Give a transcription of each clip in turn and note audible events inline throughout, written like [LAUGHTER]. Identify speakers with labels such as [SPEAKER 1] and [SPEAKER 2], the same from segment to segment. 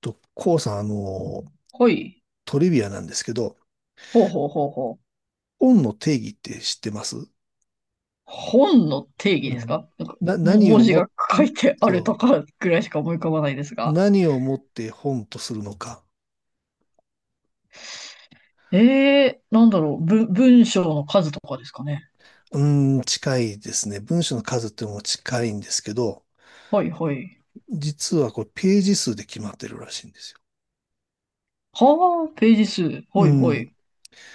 [SPEAKER 1] と、こうさん、
[SPEAKER 2] はい。
[SPEAKER 1] トリビアなんですけど、
[SPEAKER 2] ほうほうほうほう。
[SPEAKER 1] 本の定義って知ってます？
[SPEAKER 2] 本の定義
[SPEAKER 1] う
[SPEAKER 2] です
[SPEAKER 1] ん。
[SPEAKER 2] か？なんか、
[SPEAKER 1] な、何
[SPEAKER 2] 文
[SPEAKER 1] を
[SPEAKER 2] 字
[SPEAKER 1] も、
[SPEAKER 2] が書いてある
[SPEAKER 1] そ
[SPEAKER 2] とかぐらいしか思い浮かばないです
[SPEAKER 1] う、
[SPEAKER 2] が。
[SPEAKER 1] 何をもって本とするのか。
[SPEAKER 2] ええー、なんだろう。文章の数とかですかね。
[SPEAKER 1] う近いですね。文章の数っていうのも近いんですけど、
[SPEAKER 2] はいはい。
[SPEAKER 1] 実はこれページ数で決まってるらしいんですよ。
[SPEAKER 2] はあ、ページ数。は
[SPEAKER 1] う
[SPEAKER 2] いは
[SPEAKER 1] ん。
[SPEAKER 2] い。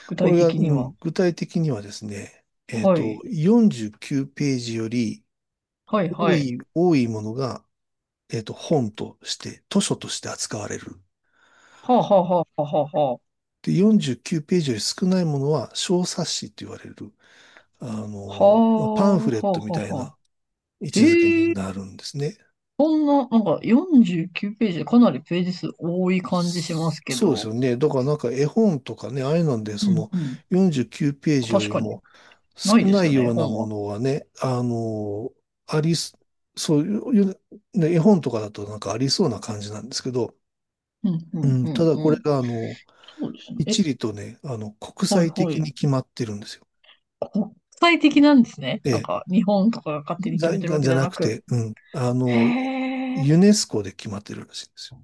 [SPEAKER 2] 具
[SPEAKER 1] こ
[SPEAKER 2] 体
[SPEAKER 1] れが、
[SPEAKER 2] 的には。
[SPEAKER 1] 具体的にはですね、
[SPEAKER 2] はい。
[SPEAKER 1] 49ページより
[SPEAKER 2] はいはい。
[SPEAKER 1] 多いものが、本として、図書として扱われる。
[SPEAKER 2] はあはあはあはあはあ。
[SPEAKER 1] で、49ページより少ないものは小冊子って言われる、
[SPEAKER 2] は
[SPEAKER 1] まあ、パ
[SPEAKER 2] あ、
[SPEAKER 1] ンフレッ
[SPEAKER 2] はあ
[SPEAKER 1] ト
[SPEAKER 2] は
[SPEAKER 1] みた
[SPEAKER 2] あ
[SPEAKER 1] い
[SPEAKER 2] は
[SPEAKER 1] な
[SPEAKER 2] あ。
[SPEAKER 1] 位置づけ
[SPEAKER 2] へ
[SPEAKER 1] に
[SPEAKER 2] え、
[SPEAKER 1] なるんですね。
[SPEAKER 2] そんな、なんか49ページでかなりページ数多い感じします
[SPEAKER 1] そ
[SPEAKER 2] け
[SPEAKER 1] そうです
[SPEAKER 2] ど。
[SPEAKER 1] よね。だからなんか絵本とかね、ああいうので、
[SPEAKER 2] う
[SPEAKER 1] そ
[SPEAKER 2] ん
[SPEAKER 1] の
[SPEAKER 2] うん。
[SPEAKER 1] 49ページよ
[SPEAKER 2] 確
[SPEAKER 1] り
[SPEAKER 2] かに。
[SPEAKER 1] も
[SPEAKER 2] ない
[SPEAKER 1] 少
[SPEAKER 2] で
[SPEAKER 1] な
[SPEAKER 2] すよ
[SPEAKER 1] い
[SPEAKER 2] ね、
[SPEAKER 1] ような
[SPEAKER 2] 本
[SPEAKER 1] も
[SPEAKER 2] は。
[SPEAKER 1] のはね、あの、ありす、そういう、ね、絵本とかだとなんかありそうな感じなんですけど、
[SPEAKER 2] うん、う
[SPEAKER 1] う
[SPEAKER 2] ん、う
[SPEAKER 1] ん、た
[SPEAKER 2] ん、
[SPEAKER 1] だこ
[SPEAKER 2] う
[SPEAKER 1] れ
[SPEAKER 2] ん。
[SPEAKER 1] が
[SPEAKER 2] そうですね。
[SPEAKER 1] 一
[SPEAKER 2] え、
[SPEAKER 1] 理とね、国
[SPEAKER 2] はい
[SPEAKER 1] 際
[SPEAKER 2] は
[SPEAKER 1] 的
[SPEAKER 2] い。
[SPEAKER 1] に決まってるんですよ。
[SPEAKER 2] 国際的なんですね。なん
[SPEAKER 1] え
[SPEAKER 2] か、日本とかが勝手に
[SPEAKER 1] じ
[SPEAKER 2] 決
[SPEAKER 1] ゃ、
[SPEAKER 2] めてる
[SPEAKER 1] が
[SPEAKER 2] わけ
[SPEAKER 1] じゃ
[SPEAKER 2] では
[SPEAKER 1] な
[SPEAKER 2] な
[SPEAKER 1] く
[SPEAKER 2] く。
[SPEAKER 1] て、うん。
[SPEAKER 2] へえ。
[SPEAKER 1] ユネスコで決まってるらしいんです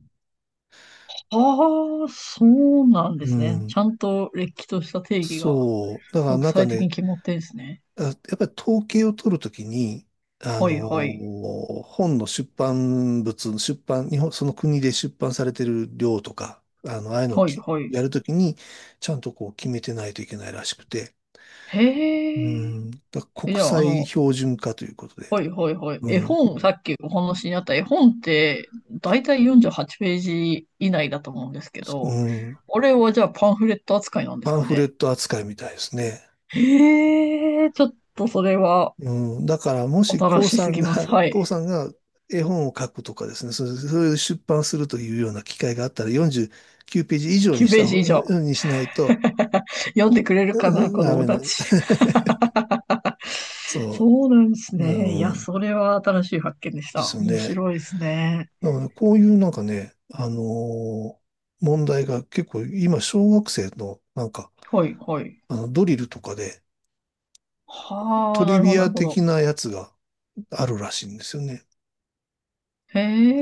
[SPEAKER 2] ああ、そうなんで
[SPEAKER 1] よ。う
[SPEAKER 2] すね。
[SPEAKER 1] ん。
[SPEAKER 2] ちゃんとれっきとした定義が
[SPEAKER 1] そう。だから
[SPEAKER 2] 国
[SPEAKER 1] なんか
[SPEAKER 2] 際的に
[SPEAKER 1] ね、
[SPEAKER 2] 決まってるんですね。
[SPEAKER 1] やっぱり統計を取るときに、
[SPEAKER 2] はいはい。
[SPEAKER 1] 本の出版物、出版、日本、その国で出版されてる量とか、ああいうのを
[SPEAKER 2] はい
[SPEAKER 1] き
[SPEAKER 2] はい。
[SPEAKER 1] やるときに、ちゃんとこう決めてないといけないらしくて、
[SPEAKER 2] へ
[SPEAKER 1] う
[SPEAKER 2] え。
[SPEAKER 1] ん。だから
[SPEAKER 2] え、じ
[SPEAKER 1] 国
[SPEAKER 2] ゃあ、あ
[SPEAKER 1] 際
[SPEAKER 2] の、
[SPEAKER 1] 標準化ということで、
[SPEAKER 2] はいはいはい。
[SPEAKER 1] う
[SPEAKER 2] 絵
[SPEAKER 1] ん。
[SPEAKER 2] 本、さっきお話にあった絵本って、だいたい48ページ以内だと思うんですけ
[SPEAKER 1] う
[SPEAKER 2] ど、
[SPEAKER 1] ん。
[SPEAKER 2] あれはじゃあパンフレット扱いなんです
[SPEAKER 1] パン
[SPEAKER 2] か
[SPEAKER 1] フレ
[SPEAKER 2] ね？
[SPEAKER 1] ット扱いみたいですね。
[SPEAKER 2] へえ、ちょっとそれは
[SPEAKER 1] うん、だからもし、
[SPEAKER 2] 新
[SPEAKER 1] こう
[SPEAKER 2] し
[SPEAKER 1] さ
[SPEAKER 2] す
[SPEAKER 1] ん
[SPEAKER 2] ぎます。
[SPEAKER 1] が、
[SPEAKER 2] は
[SPEAKER 1] [LAUGHS]
[SPEAKER 2] い。
[SPEAKER 1] こうさんが絵本を書くとかですね、それで出版するというような機会があったら49ページ以上に
[SPEAKER 2] 9
[SPEAKER 1] し
[SPEAKER 2] ペー
[SPEAKER 1] た方、
[SPEAKER 2] ジ以上。
[SPEAKER 1] にしないと、
[SPEAKER 2] 読んでくれ
[SPEAKER 1] [LAUGHS]
[SPEAKER 2] るか
[SPEAKER 1] う
[SPEAKER 2] な、
[SPEAKER 1] ん
[SPEAKER 2] 子
[SPEAKER 1] ダ
[SPEAKER 2] 供
[SPEAKER 1] メな、
[SPEAKER 2] たち。
[SPEAKER 1] [LAUGHS] そ
[SPEAKER 2] そうなんです
[SPEAKER 1] う、
[SPEAKER 2] ね。い
[SPEAKER 1] う
[SPEAKER 2] や、そ
[SPEAKER 1] ん、
[SPEAKER 2] れは新しい発見でし
[SPEAKER 1] で
[SPEAKER 2] た。
[SPEAKER 1] すよ
[SPEAKER 2] 面
[SPEAKER 1] ね。
[SPEAKER 2] 白いですね。
[SPEAKER 1] だからこういうなんかね、ー問題が結構今、小学生のなんか、
[SPEAKER 2] はい、はい。
[SPEAKER 1] ドリルとかで
[SPEAKER 2] は
[SPEAKER 1] ト
[SPEAKER 2] あ、な
[SPEAKER 1] リ
[SPEAKER 2] るほ
[SPEAKER 1] ビ
[SPEAKER 2] ど、な
[SPEAKER 1] ア
[SPEAKER 2] るほ
[SPEAKER 1] 的
[SPEAKER 2] ど。
[SPEAKER 1] なやつがあるらしいんですよね。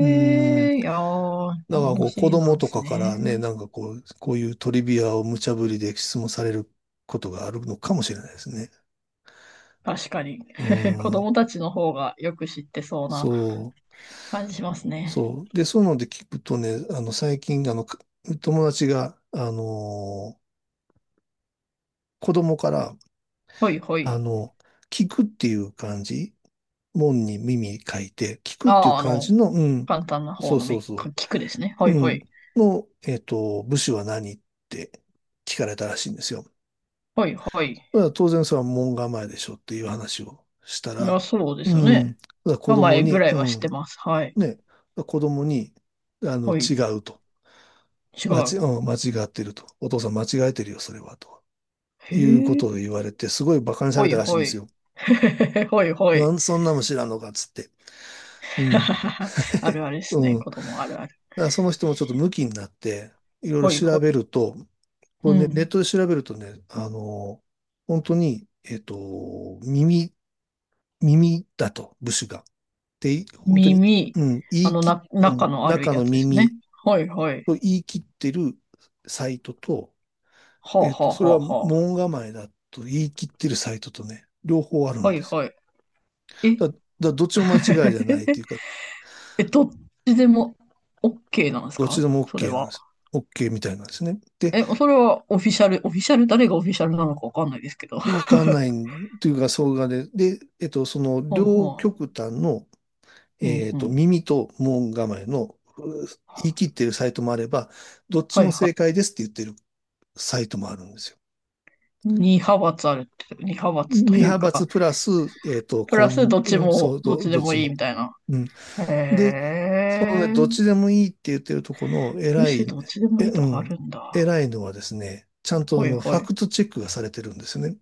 [SPEAKER 1] うん。
[SPEAKER 2] え、いやー、
[SPEAKER 1] だから
[SPEAKER 2] 物
[SPEAKER 1] こう
[SPEAKER 2] 知
[SPEAKER 1] 子
[SPEAKER 2] りな
[SPEAKER 1] 供
[SPEAKER 2] んで
[SPEAKER 1] と
[SPEAKER 2] す
[SPEAKER 1] かか
[SPEAKER 2] ね。
[SPEAKER 1] らね、なんかこう、こういうトリビアを無茶ぶりで質問されることがあるのかもしれないですね。
[SPEAKER 2] 確かに。
[SPEAKER 1] う
[SPEAKER 2] [LAUGHS] 子
[SPEAKER 1] ん、
[SPEAKER 2] 供たちの方がよく知ってそう
[SPEAKER 1] そ
[SPEAKER 2] な
[SPEAKER 1] う、
[SPEAKER 2] 感じしますね。
[SPEAKER 1] そう。で、そういうので聞くとね、最近、友達が、子供から、
[SPEAKER 2] ほいほ
[SPEAKER 1] あ
[SPEAKER 2] い。
[SPEAKER 1] の、聞くっていう感じ、門に耳書いて、聞くってい
[SPEAKER 2] あ
[SPEAKER 1] う
[SPEAKER 2] あ、あ
[SPEAKER 1] 感
[SPEAKER 2] の、
[SPEAKER 1] じの、
[SPEAKER 2] 簡単な方
[SPEAKER 1] そう
[SPEAKER 2] の
[SPEAKER 1] そうそ
[SPEAKER 2] 聞くですね。ほ
[SPEAKER 1] う、
[SPEAKER 2] い
[SPEAKER 1] う
[SPEAKER 2] ほ
[SPEAKER 1] ん、
[SPEAKER 2] い。
[SPEAKER 1] の、えっと、部首は何って聞かれたらしいんですよ。
[SPEAKER 2] ほいほい。
[SPEAKER 1] まあ当然それは門構えでしょっていう話をした
[SPEAKER 2] い
[SPEAKER 1] ら、
[SPEAKER 2] や、そうで
[SPEAKER 1] う
[SPEAKER 2] すよね。
[SPEAKER 1] ん、だから
[SPEAKER 2] 名前ぐらいは知ってます。はい。
[SPEAKER 1] ね、子供に、
[SPEAKER 2] は
[SPEAKER 1] 違
[SPEAKER 2] い。
[SPEAKER 1] うと。
[SPEAKER 2] 違
[SPEAKER 1] 間ち、
[SPEAKER 2] う。
[SPEAKER 1] うん、間違ってると。お父さん間違えてるよ、それは、と。いうこ
[SPEAKER 2] へ
[SPEAKER 1] とを
[SPEAKER 2] え。
[SPEAKER 1] 言われて、すごい馬鹿にさ
[SPEAKER 2] ほ
[SPEAKER 1] れた
[SPEAKER 2] い
[SPEAKER 1] らしいん
[SPEAKER 2] ほ
[SPEAKER 1] です
[SPEAKER 2] い。
[SPEAKER 1] よ。
[SPEAKER 2] [LAUGHS] ほいほ
[SPEAKER 1] な
[SPEAKER 2] い。
[SPEAKER 1] んそんなも知らんのか、つって。うん。
[SPEAKER 2] [LAUGHS] ある
[SPEAKER 1] [LAUGHS]
[SPEAKER 2] あるです
[SPEAKER 1] う
[SPEAKER 2] ね。
[SPEAKER 1] ん。だ
[SPEAKER 2] 子
[SPEAKER 1] か
[SPEAKER 2] 供あるある。
[SPEAKER 1] らその人もちょっとムキになって、いろいろ
[SPEAKER 2] ほい
[SPEAKER 1] 調
[SPEAKER 2] ほ
[SPEAKER 1] べ
[SPEAKER 2] い。
[SPEAKER 1] ると、
[SPEAKER 2] う
[SPEAKER 1] これね、ネッ
[SPEAKER 2] ん。
[SPEAKER 1] トで調べるとね、本当に、耳だと、部首が。て本当に、
[SPEAKER 2] 耳。
[SPEAKER 1] うん、言
[SPEAKER 2] あ
[SPEAKER 1] い
[SPEAKER 2] の、
[SPEAKER 1] 切、うん、
[SPEAKER 2] 中のある
[SPEAKER 1] 中
[SPEAKER 2] や
[SPEAKER 1] の
[SPEAKER 2] つです
[SPEAKER 1] 耳
[SPEAKER 2] ね。ほいほい。
[SPEAKER 1] と言い切ってるサイトと、
[SPEAKER 2] はあはあ
[SPEAKER 1] そ
[SPEAKER 2] は
[SPEAKER 1] れは
[SPEAKER 2] あは
[SPEAKER 1] 門構えだと言い切ってるサイトとね、両方ある
[SPEAKER 2] あ。は
[SPEAKER 1] んで
[SPEAKER 2] い
[SPEAKER 1] す
[SPEAKER 2] はい。え、
[SPEAKER 1] よ。だからどっちも間違いじゃないというか、
[SPEAKER 2] え、どっちでも OK なんです
[SPEAKER 1] どっち
[SPEAKER 2] か？
[SPEAKER 1] でも
[SPEAKER 2] それ
[SPEAKER 1] OK なん
[SPEAKER 2] は。
[SPEAKER 1] です。OK みたいなんですね。で、
[SPEAKER 2] え、それはオフィシャル、オフィシャル、誰がオフィシャルなのかわかんないですけど。[LAUGHS]
[SPEAKER 1] わ
[SPEAKER 2] は
[SPEAKER 1] かんないというか、そうがで、で、えっと、その両
[SPEAKER 2] は
[SPEAKER 1] 極端の、
[SPEAKER 2] ううんうん。
[SPEAKER 1] 耳と門構えのう言い切
[SPEAKER 2] は
[SPEAKER 1] ってるサイトもあれば、どっち
[SPEAKER 2] い
[SPEAKER 1] も
[SPEAKER 2] は
[SPEAKER 1] 正
[SPEAKER 2] い。
[SPEAKER 1] 解ですって言ってるサイトもあるんですよ。
[SPEAKER 2] 二派閥あるって、二派閥と
[SPEAKER 1] 二
[SPEAKER 2] いう
[SPEAKER 1] 派閥
[SPEAKER 2] か、
[SPEAKER 1] プラス、えっと、
[SPEAKER 2] プ
[SPEAKER 1] こ
[SPEAKER 2] ラス
[SPEAKER 1] ん、
[SPEAKER 2] どっち
[SPEAKER 1] うんそ
[SPEAKER 2] も、
[SPEAKER 1] う、
[SPEAKER 2] どっ
[SPEAKER 1] ど、
[SPEAKER 2] ちで
[SPEAKER 1] どっ
[SPEAKER 2] も
[SPEAKER 1] ち
[SPEAKER 2] いい
[SPEAKER 1] も。
[SPEAKER 2] みたいな。
[SPEAKER 1] うん。
[SPEAKER 2] へ
[SPEAKER 1] で、そのね、
[SPEAKER 2] え、
[SPEAKER 1] どっちでもいいって言ってるところの
[SPEAKER 2] 武
[SPEAKER 1] 偉
[SPEAKER 2] 士
[SPEAKER 1] い、
[SPEAKER 2] どっちでも
[SPEAKER 1] え、
[SPEAKER 2] いい
[SPEAKER 1] う
[SPEAKER 2] とかあ
[SPEAKER 1] ん、
[SPEAKER 2] るんだ。
[SPEAKER 1] 偉いのはですね、ちゃんと
[SPEAKER 2] ほいほ
[SPEAKER 1] ファ
[SPEAKER 2] い。
[SPEAKER 1] クトチェックがされてるんですよね。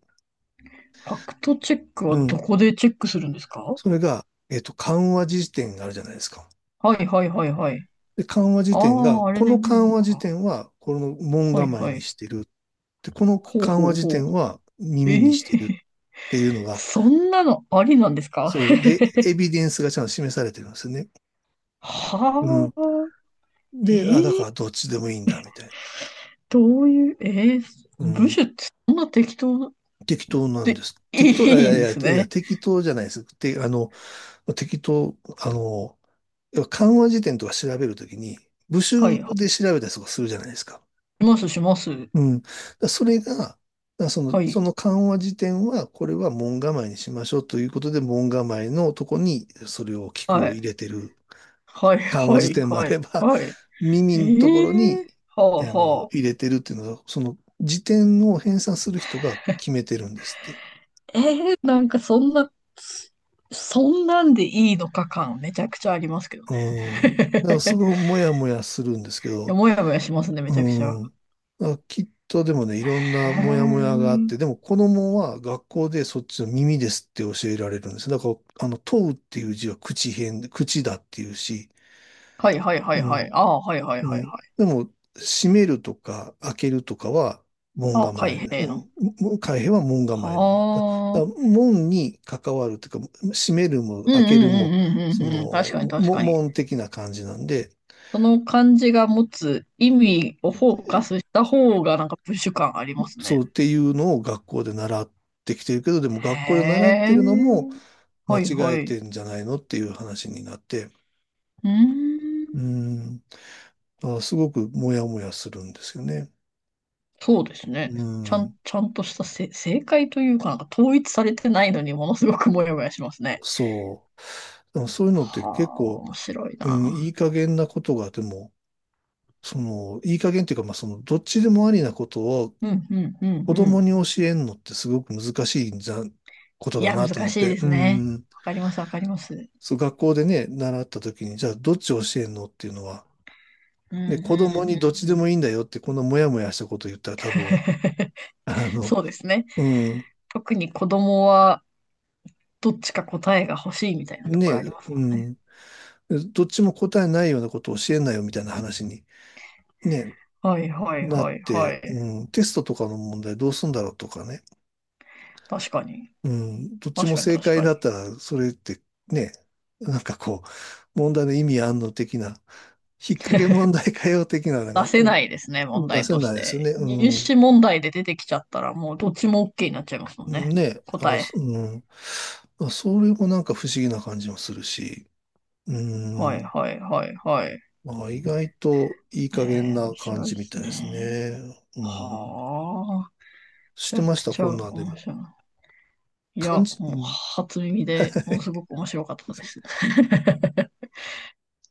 [SPEAKER 2] ファクトチェック
[SPEAKER 1] う
[SPEAKER 2] はど
[SPEAKER 1] ん。
[SPEAKER 2] こでチェックするんですか？
[SPEAKER 1] それが、緩和辞典があるじゃないですか。
[SPEAKER 2] はいはいはいはい。
[SPEAKER 1] で、緩和
[SPEAKER 2] あ
[SPEAKER 1] 辞典が、
[SPEAKER 2] あ、あれ
[SPEAKER 1] こ
[SPEAKER 2] で
[SPEAKER 1] の
[SPEAKER 2] 見る
[SPEAKER 1] 緩
[SPEAKER 2] の
[SPEAKER 1] 和辞
[SPEAKER 2] か。
[SPEAKER 1] 典は、この門
[SPEAKER 2] はい
[SPEAKER 1] 構え
[SPEAKER 2] は
[SPEAKER 1] に
[SPEAKER 2] い。
[SPEAKER 1] してる。で、この
[SPEAKER 2] ほう
[SPEAKER 1] 緩和
[SPEAKER 2] ほう
[SPEAKER 1] 辞
[SPEAKER 2] ほ
[SPEAKER 1] 典は
[SPEAKER 2] う。え
[SPEAKER 1] 耳に
[SPEAKER 2] ー、
[SPEAKER 1] してるっ
[SPEAKER 2] [LAUGHS]
[SPEAKER 1] ていうのが、
[SPEAKER 2] そんなのありなんですか？
[SPEAKER 1] そう。で、エビデンスがちゃんと示されてるんですよね。う
[SPEAKER 2] は
[SPEAKER 1] ん。
[SPEAKER 2] あ、え
[SPEAKER 1] で、だか
[SPEAKER 2] ー、
[SPEAKER 1] らどっちでもいいんだ、みたい
[SPEAKER 2] どういう、えー、
[SPEAKER 1] な。う
[SPEAKER 2] 部
[SPEAKER 1] ん、
[SPEAKER 2] 首ってそんな適当
[SPEAKER 1] 適当なん
[SPEAKER 2] で
[SPEAKER 1] です。
[SPEAKER 2] い
[SPEAKER 1] 適当、あい
[SPEAKER 2] い
[SPEAKER 1] や
[SPEAKER 2] ん
[SPEAKER 1] い
[SPEAKER 2] です
[SPEAKER 1] や、いや、
[SPEAKER 2] ね。
[SPEAKER 1] 適当じゃないです。て、あの、適当、あの、要は漢和辞典とか調べるときに、部
[SPEAKER 2] は
[SPEAKER 1] 首
[SPEAKER 2] い
[SPEAKER 1] で調べたりとかするじゃないですか。
[SPEAKER 2] しますします。
[SPEAKER 1] うん。だからそれが、だからその、
[SPEAKER 2] は
[SPEAKER 1] そ
[SPEAKER 2] い。
[SPEAKER 1] の漢和辞典は、これは門構えにしましょうということで、門構えのとこに、それを、聞く
[SPEAKER 2] は
[SPEAKER 1] を入
[SPEAKER 2] い。
[SPEAKER 1] れてる
[SPEAKER 2] はい、
[SPEAKER 1] 緩和
[SPEAKER 2] は
[SPEAKER 1] 辞
[SPEAKER 2] い、
[SPEAKER 1] 典もあ
[SPEAKER 2] はい、
[SPEAKER 1] れば、
[SPEAKER 2] はい。
[SPEAKER 1] [LAUGHS] 耳のところ
[SPEAKER 2] え
[SPEAKER 1] に、
[SPEAKER 2] えはあ、は
[SPEAKER 1] 入れてるっていうのは、その辞典を編纂する人が決めてるんですって。
[SPEAKER 2] あ。ええなんかそんな、そんなんでいいのか感めちゃくちゃありますけど
[SPEAKER 1] う
[SPEAKER 2] ね。[LAUGHS] い
[SPEAKER 1] ん。だからすごいもやもやするんですけ
[SPEAKER 2] や、
[SPEAKER 1] ど、
[SPEAKER 2] もやもやしますね、め
[SPEAKER 1] う
[SPEAKER 2] ちゃくちゃ。
[SPEAKER 1] ん。きっとでもね、いろん
[SPEAKER 2] へ
[SPEAKER 1] なモヤモヤがあって、で
[SPEAKER 2] ー
[SPEAKER 1] も子供は学校でそっちの耳ですって教えられるんです。だから、問うっていう字は口偏、口だっていうし、
[SPEAKER 2] はい、はい、は
[SPEAKER 1] う
[SPEAKER 2] い、はい。ああ、はい、はい、
[SPEAKER 1] う
[SPEAKER 2] はい、
[SPEAKER 1] ん。
[SPEAKER 2] はい。
[SPEAKER 1] でも、閉めるとか開けるとかは門
[SPEAKER 2] ああ、
[SPEAKER 1] 構え。
[SPEAKER 2] 開閉の。
[SPEAKER 1] うん。開閉は門構え。だ、
[SPEAKER 2] はあ。
[SPEAKER 1] 門に関わるというか、閉めるも
[SPEAKER 2] うん、う
[SPEAKER 1] 開けるも、
[SPEAKER 2] ん、うん、うん、
[SPEAKER 1] そ
[SPEAKER 2] うん、
[SPEAKER 1] の、
[SPEAKER 2] うん。確かに、確
[SPEAKER 1] も
[SPEAKER 2] かに。
[SPEAKER 1] 門的な感じなんで、
[SPEAKER 2] その漢字が持つ意味をフォーカスした方がなんかプッシュ感あります
[SPEAKER 1] そ
[SPEAKER 2] ね。
[SPEAKER 1] うっていうのを学校で習ってきてるけど、でも
[SPEAKER 2] へ
[SPEAKER 1] 学校で習ってるのも
[SPEAKER 2] え。
[SPEAKER 1] 間
[SPEAKER 2] はい
[SPEAKER 1] 違
[SPEAKER 2] は
[SPEAKER 1] え
[SPEAKER 2] い。
[SPEAKER 1] て
[SPEAKER 2] う
[SPEAKER 1] んじゃないのっていう話になって、
[SPEAKER 2] ー
[SPEAKER 1] う
[SPEAKER 2] ん。
[SPEAKER 1] ん。すごくモヤモヤするんですよね。
[SPEAKER 2] そうです
[SPEAKER 1] う
[SPEAKER 2] ね。ちゃ
[SPEAKER 1] ん。
[SPEAKER 2] ん、ちゃんとした正解というか、なんか統一されてないのにものすごくモヤモヤしますね。
[SPEAKER 1] そう。でもそういうのって
[SPEAKER 2] は
[SPEAKER 1] 結
[SPEAKER 2] あ、
[SPEAKER 1] 構、
[SPEAKER 2] 面白い
[SPEAKER 1] うん、
[SPEAKER 2] な。
[SPEAKER 1] いい加減なことが、でも、いい加減っていうか、まあ、どっちでもありなことを
[SPEAKER 2] うん、うん、う
[SPEAKER 1] 子
[SPEAKER 2] ん、う
[SPEAKER 1] 供
[SPEAKER 2] ん。
[SPEAKER 1] に教えんのってすごく難しいんじゃ、こと
[SPEAKER 2] い
[SPEAKER 1] だ
[SPEAKER 2] や、難
[SPEAKER 1] なと思っ
[SPEAKER 2] しい
[SPEAKER 1] て、
[SPEAKER 2] です
[SPEAKER 1] う
[SPEAKER 2] ね。
[SPEAKER 1] ん、
[SPEAKER 2] わかります、わかります。
[SPEAKER 1] そう、学校でね、習った時に、じゃあ、どっち教えんのっていうのは、
[SPEAKER 2] うん、う
[SPEAKER 1] で、
[SPEAKER 2] ん、
[SPEAKER 1] 子供に
[SPEAKER 2] う
[SPEAKER 1] どっち
[SPEAKER 2] ん、う
[SPEAKER 1] で
[SPEAKER 2] ん。
[SPEAKER 1] もいいんだよって、このモヤモヤしたこと言ったら多分、
[SPEAKER 2] [LAUGHS]
[SPEAKER 1] [LAUGHS] あの、
[SPEAKER 2] そうですね。
[SPEAKER 1] うん、
[SPEAKER 2] 特に子供はどっちか答えが欲しいみたいなところ
[SPEAKER 1] ね、
[SPEAKER 2] ありますも
[SPEAKER 1] う
[SPEAKER 2] んね。
[SPEAKER 1] ん、どっちも答えないようなことを教えんなよみたいな話に、ね、
[SPEAKER 2] はい、はい、
[SPEAKER 1] なっ
[SPEAKER 2] はい、は
[SPEAKER 1] て、
[SPEAKER 2] い。
[SPEAKER 1] うん、テストとかの問題どうすんだろうとかね。
[SPEAKER 2] 確かに。
[SPEAKER 1] うん、どっち
[SPEAKER 2] 確
[SPEAKER 1] も
[SPEAKER 2] かに、
[SPEAKER 1] 正
[SPEAKER 2] 確
[SPEAKER 1] 解
[SPEAKER 2] かに。
[SPEAKER 1] だったら、それってね、なんかこう、問題の意味あんの的な、引っ掛け問題かよ的なの
[SPEAKER 2] 出
[SPEAKER 1] が
[SPEAKER 2] せ
[SPEAKER 1] ね、
[SPEAKER 2] ないですね、問
[SPEAKER 1] 出
[SPEAKER 2] 題
[SPEAKER 1] せ
[SPEAKER 2] とし
[SPEAKER 1] ないですよね。
[SPEAKER 2] て。
[SPEAKER 1] う
[SPEAKER 2] 入
[SPEAKER 1] ん。
[SPEAKER 2] 試問題で出てきちゃったら、もうどっちも OK になっちゃいますもんね。
[SPEAKER 1] ね、
[SPEAKER 2] 答え。
[SPEAKER 1] あそれもなんか不思議な感じもするし、う
[SPEAKER 2] はい
[SPEAKER 1] ん。
[SPEAKER 2] はいはいはい。
[SPEAKER 1] まあ、意外といい加減
[SPEAKER 2] えー、
[SPEAKER 1] な
[SPEAKER 2] 面
[SPEAKER 1] 感
[SPEAKER 2] 白い
[SPEAKER 1] じ
[SPEAKER 2] で
[SPEAKER 1] みた
[SPEAKER 2] す
[SPEAKER 1] いです
[SPEAKER 2] ね。
[SPEAKER 1] ね。うん。
[SPEAKER 2] はあ、め
[SPEAKER 1] し
[SPEAKER 2] ち
[SPEAKER 1] て
[SPEAKER 2] ゃ
[SPEAKER 1] ま
[SPEAKER 2] く
[SPEAKER 1] した、
[SPEAKER 2] ち
[SPEAKER 1] こん
[SPEAKER 2] ゃ
[SPEAKER 1] なんで
[SPEAKER 2] 面
[SPEAKER 1] も。
[SPEAKER 2] 白い。いや、
[SPEAKER 1] 感じ、う
[SPEAKER 2] もう
[SPEAKER 1] ん。
[SPEAKER 2] 初耳でものす
[SPEAKER 1] [LAUGHS]
[SPEAKER 2] ごく面白かったです。[LAUGHS]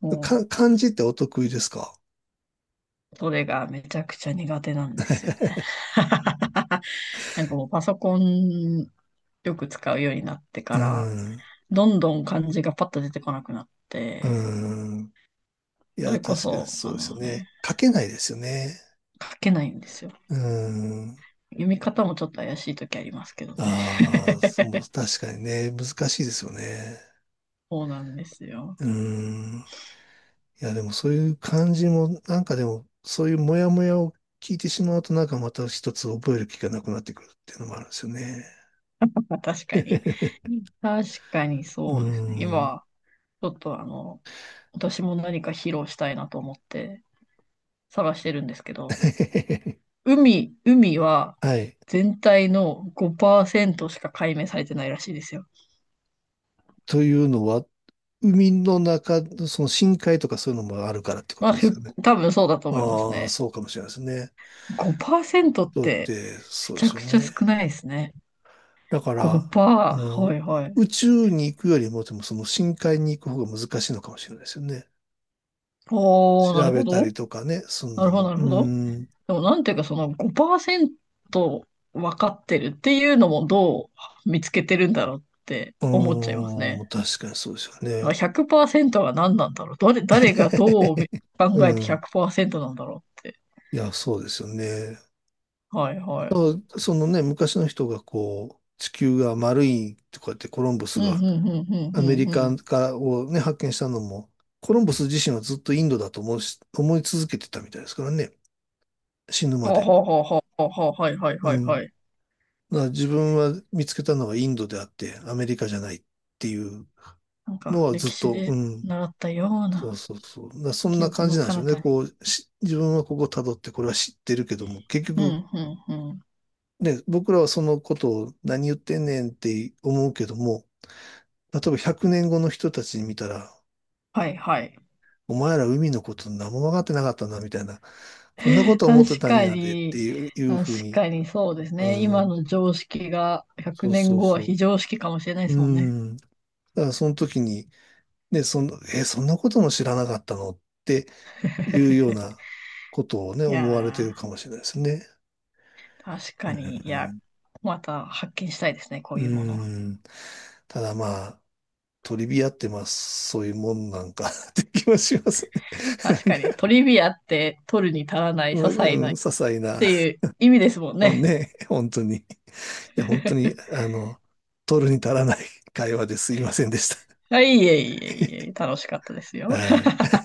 [SPEAKER 2] も
[SPEAKER 1] 漢字ってお得意ですか？
[SPEAKER 2] う、それがめちゃくちゃ苦手なんですよね。
[SPEAKER 1] [LAUGHS]
[SPEAKER 2] [LAUGHS] なんかもうパソコンよく使うようになって
[SPEAKER 1] う
[SPEAKER 2] から、
[SPEAKER 1] ん。
[SPEAKER 2] どんどん漢字がパッと出てこなくなっ
[SPEAKER 1] う
[SPEAKER 2] て、
[SPEAKER 1] ん。い
[SPEAKER 2] そ
[SPEAKER 1] や、
[SPEAKER 2] れこ
[SPEAKER 1] 確かに
[SPEAKER 2] そ、
[SPEAKER 1] そ
[SPEAKER 2] あ
[SPEAKER 1] うですよ
[SPEAKER 2] の
[SPEAKER 1] ね。
[SPEAKER 2] ね、
[SPEAKER 1] 書けないですよね。
[SPEAKER 2] 書けないんですよ。
[SPEAKER 1] うん。
[SPEAKER 2] 読み方もちょっと怪しい時ありますけどね。
[SPEAKER 1] ああ、そう、確かにね、難しいですよね。
[SPEAKER 2] [LAUGHS] そうなんですよ。
[SPEAKER 1] うん。いや、でもそういう感じも、なんかでも、そういうモヤモヤを聞いてしまうと、なんかまた一つ覚える気がなくなってくるっていうのもあるんですよね。
[SPEAKER 2] まあ、確かに。
[SPEAKER 1] [LAUGHS]
[SPEAKER 2] 確かに
[SPEAKER 1] う
[SPEAKER 2] そうですね。
[SPEAKER 1] ん。
[SPEAKER 2] 今、ちょっとあの、私も何か披露したいなと思って探してるんですけど、
[SPEAKER 1] [LAUGHS]
[SPEAKER 2] 海、海は
[SPEAKER 1] はい。
[SPEAKER 2] 全体の5%しか解明されてないらしいですよ。
[SPEAKER 1] というのは、海の中の、その深海とかそういうのもあるからってこ
[SPEAKER 2] まあ、
[SPEAKER 1] とですかね。
[SPEAKER 2] 多分そうだと思います
[SPEAKER 1] ああ、
[SPEAKER 2] ね。
[SPEAKER 1] そうかもしれないですね。
[SPEAKER 2] 5%っ
[SPEAKER 1] だっ
[SPEAKER 2] て
[SPEAKER 1] て、
[SPEAKER 2] め
[SPEAKER 1] そうで
[SPEAKER 2] ちゃ
[SPEAKER 1] す
[SPEAKER 2] く
[SPEAKER 1] よ
[SPEAKER 2] ちゃ少
[SPEAKER 1] ね。
[SPEAKER 2] ないですね。
[SPEAKER 1] だから、
[SPEAKER 2] 5%。
[SPEAKER 1] う
[SPEAKER 2] は
[SPEAKER 1] ん、
[SPEAKER 2] いはい
[SPEAKER 1] 宇宙に行くよりも、でもその深海に行く方が難しいのかもしれないですよね。
[SPEAKER 2] おー、な
[SPEAKER 1] 調
[SPEAKER 2] るほ
[SPEAKER 1] べたり
[SPEAKER 2] ど。
[SPEAKER 1] とかね、すん
[SPEAKER 2] な
[SPEAKER 1] の
[SPEAKER 2] るほど、
[SPEAKER 1] も。
[SPEAKER 2] なるほど。でも、なんていうか、その5%分かってるっていうのもどう見つけてるんだろうって思っちゃいますね。
[SPEAKER 1] 確かにそうですよ
[SPEAKER 2] だから
[SPEAKER 1] ね。
[SPEAKER 2] 100%が何なんだろう。誰が
[SPEAKER 1] [LAUGHS]
[SPEAKER 2] どう
[SPEAKER 1] う
[SPEAKER 2] 考えて
[SPEAKER 1] ん。
[SPEAKER 2] 100%なんだろうって。
[SPEAKER 1] いや、そうですよね。
[SPEAKER 2] はいは
[SPEAKER 1] だか
[SPEAKER 2] い。
[SPEAKER 1] らそのね、昔の人がこう、地球が丸いとかってコロンブ
[SPEAKER 2] う
[SPEAKER 1] ス
[SPEAKER 2] ん、う
[SPEAKER 1] が
[SPEAKER 2] ん、うん、うん、
[SPEAKER 1] ア
[SPEAKER 2] う
[SPEAKER 1] メリ
[SPEAKER 2] ん、う
[SPEAKER 1] カ
[SPEAKER 2] ん。
[SPEAKER 1] からをね、発見したのも、コロンブス自身はずっとインドだと思うし、思い続けてたみたいですからね、死ぬ
[SPEAKER 2] は
[SPEAKER 1] ま
[SPEAKER 2] あは
[SPEAKER 1] で。
[SPEAKER 2] あはあはあはあ、はいはい
[SPEAKER 1] う
[SPEAKER 2] はい
[SPEAKER 1] ん。
[SPEAKER 2] はい。
[SPEAKER 1] だから自分は見つけたのはインドであって、アメリカじゃないっていう
[SPEAKER 2] なん
[SPEAKER 1] の
[SPEAKER 2] か、
[SPEAKER 1] はずっ
[SPEAKER 2] 歴史
[SPEAKER 1] と、う
[SPEAKER 2] で
[SPEAKER 1] ん。
[SPEAKER 2] 習ったよう
[SPEAKER 1] そう
[SPEAKER 2] な
[SPEAKER 1] そうそう。だからそん
[SPEAKER 2] 記
[SPEAKER 1] な
[SPEAKER 2] 憶
[SPEAKER 1] 感
[SPEAKER 2] の
[SPEAKER 1] じなんでし
[SPEAKER 2] 彼
[SPEAKER 1] ょうね。
[SPEAKER 2] 方に。
[SPEAKER 1] し自分はここ辿ってこれは知ってるけども、結
[SPEAKER 2] う
[SPEAKER 1] 局、
[SPEAKER 2] ん、うん、うん。
[SPEAKER 1] ね、僕らはそのことを何言ってんねんって思うけども、例えば100年後の人たちに見たら、
[SPEAKER 2] はいはい。
[SPEAKER 1] お前ら海のこと何も分かってなかったな、みたいな。こんなこと思って
[SPEAKER 2] 確
[SPEAKER 1] たん
[SPEAKER 2] か
[SPEAKER 1] やでって
[SPEAKER 2] に、
[SPEAKER 1] いう、いうふう
[SPEAKER 2] 確
[SPEAKER 1] に。
[SPEAKER 2] かにそうですね。
[SPEAKER 1] う
[SPEAKER 2] 今
[SPEAKER 1] ん。
[SPEAKER 2] の常識が100
[SPEAKER 1] そう
[SPEAKER 2] 年
[SPEAKER 1] そう
[SPEAKER 2] 後は
[SPEAKER 1] そう。
[SPEAKER 2] 非常識かもしれないで
[SPEAKER 1] う
[SPEAKER 2] すもんね。
[SPEAKER 1] ん。だからその時に、ね、そんなことも知らなかったのっていうよう
[SPEAKER 2] [LAUGHS]
[SPEAKER 1] なことをね、
[SPEAKER 2] い
[SPEAKER 1] 思われて
[SPEAKER 2] や
[SPEAKER 1] るかもしれないですね。
[SPEAKER 2] ー、確
[SPEAKER 1] う
[SPEAKER 2] かに、いや、
[SPEAKER 1] ん。
[SPEAKER 2] また発見したいですね、こ
[SPEAKER 1] う
[SPEAKER 2] ういうもの。
[SPEAKER 1] ん。ただまあ、トリビアってまあ、そういうもんなんか [LAUGHS] って気はしますね。
[SPEAKER 2] 確
[SPEAKER 1] なん
[SPEAKER 2] か
[SPEAKER 1] か
[SPEAKER 2] に、トリビアって取るに足らない、些
[SPEAKER 1] う
[SPEAKER 2] 細
[SPEAKER 1] ん、
[SPEAKER 2] ない
[SPEAKER 1] 些細
[SPEAKER 2] っ
[SPEAKER 1] な。
[SPEAKER 2] ていう意味ですもん
[SPEAKER 1] そう
[SPEAKER 2] ね。
[SPEAKER 1] ね、本当に。いや、本当に、
[SPEAKER 2] [LAUGHS]
[SPEAKER 1] 取るに足らない会話ですいませんでした。
[SPEAKER 2] はい、いえいえいえ、楽しかったです
[SPEAKER 1] [LAUGHS]
[SPEAKER 2] よ。
[SPEAKER 1] はい。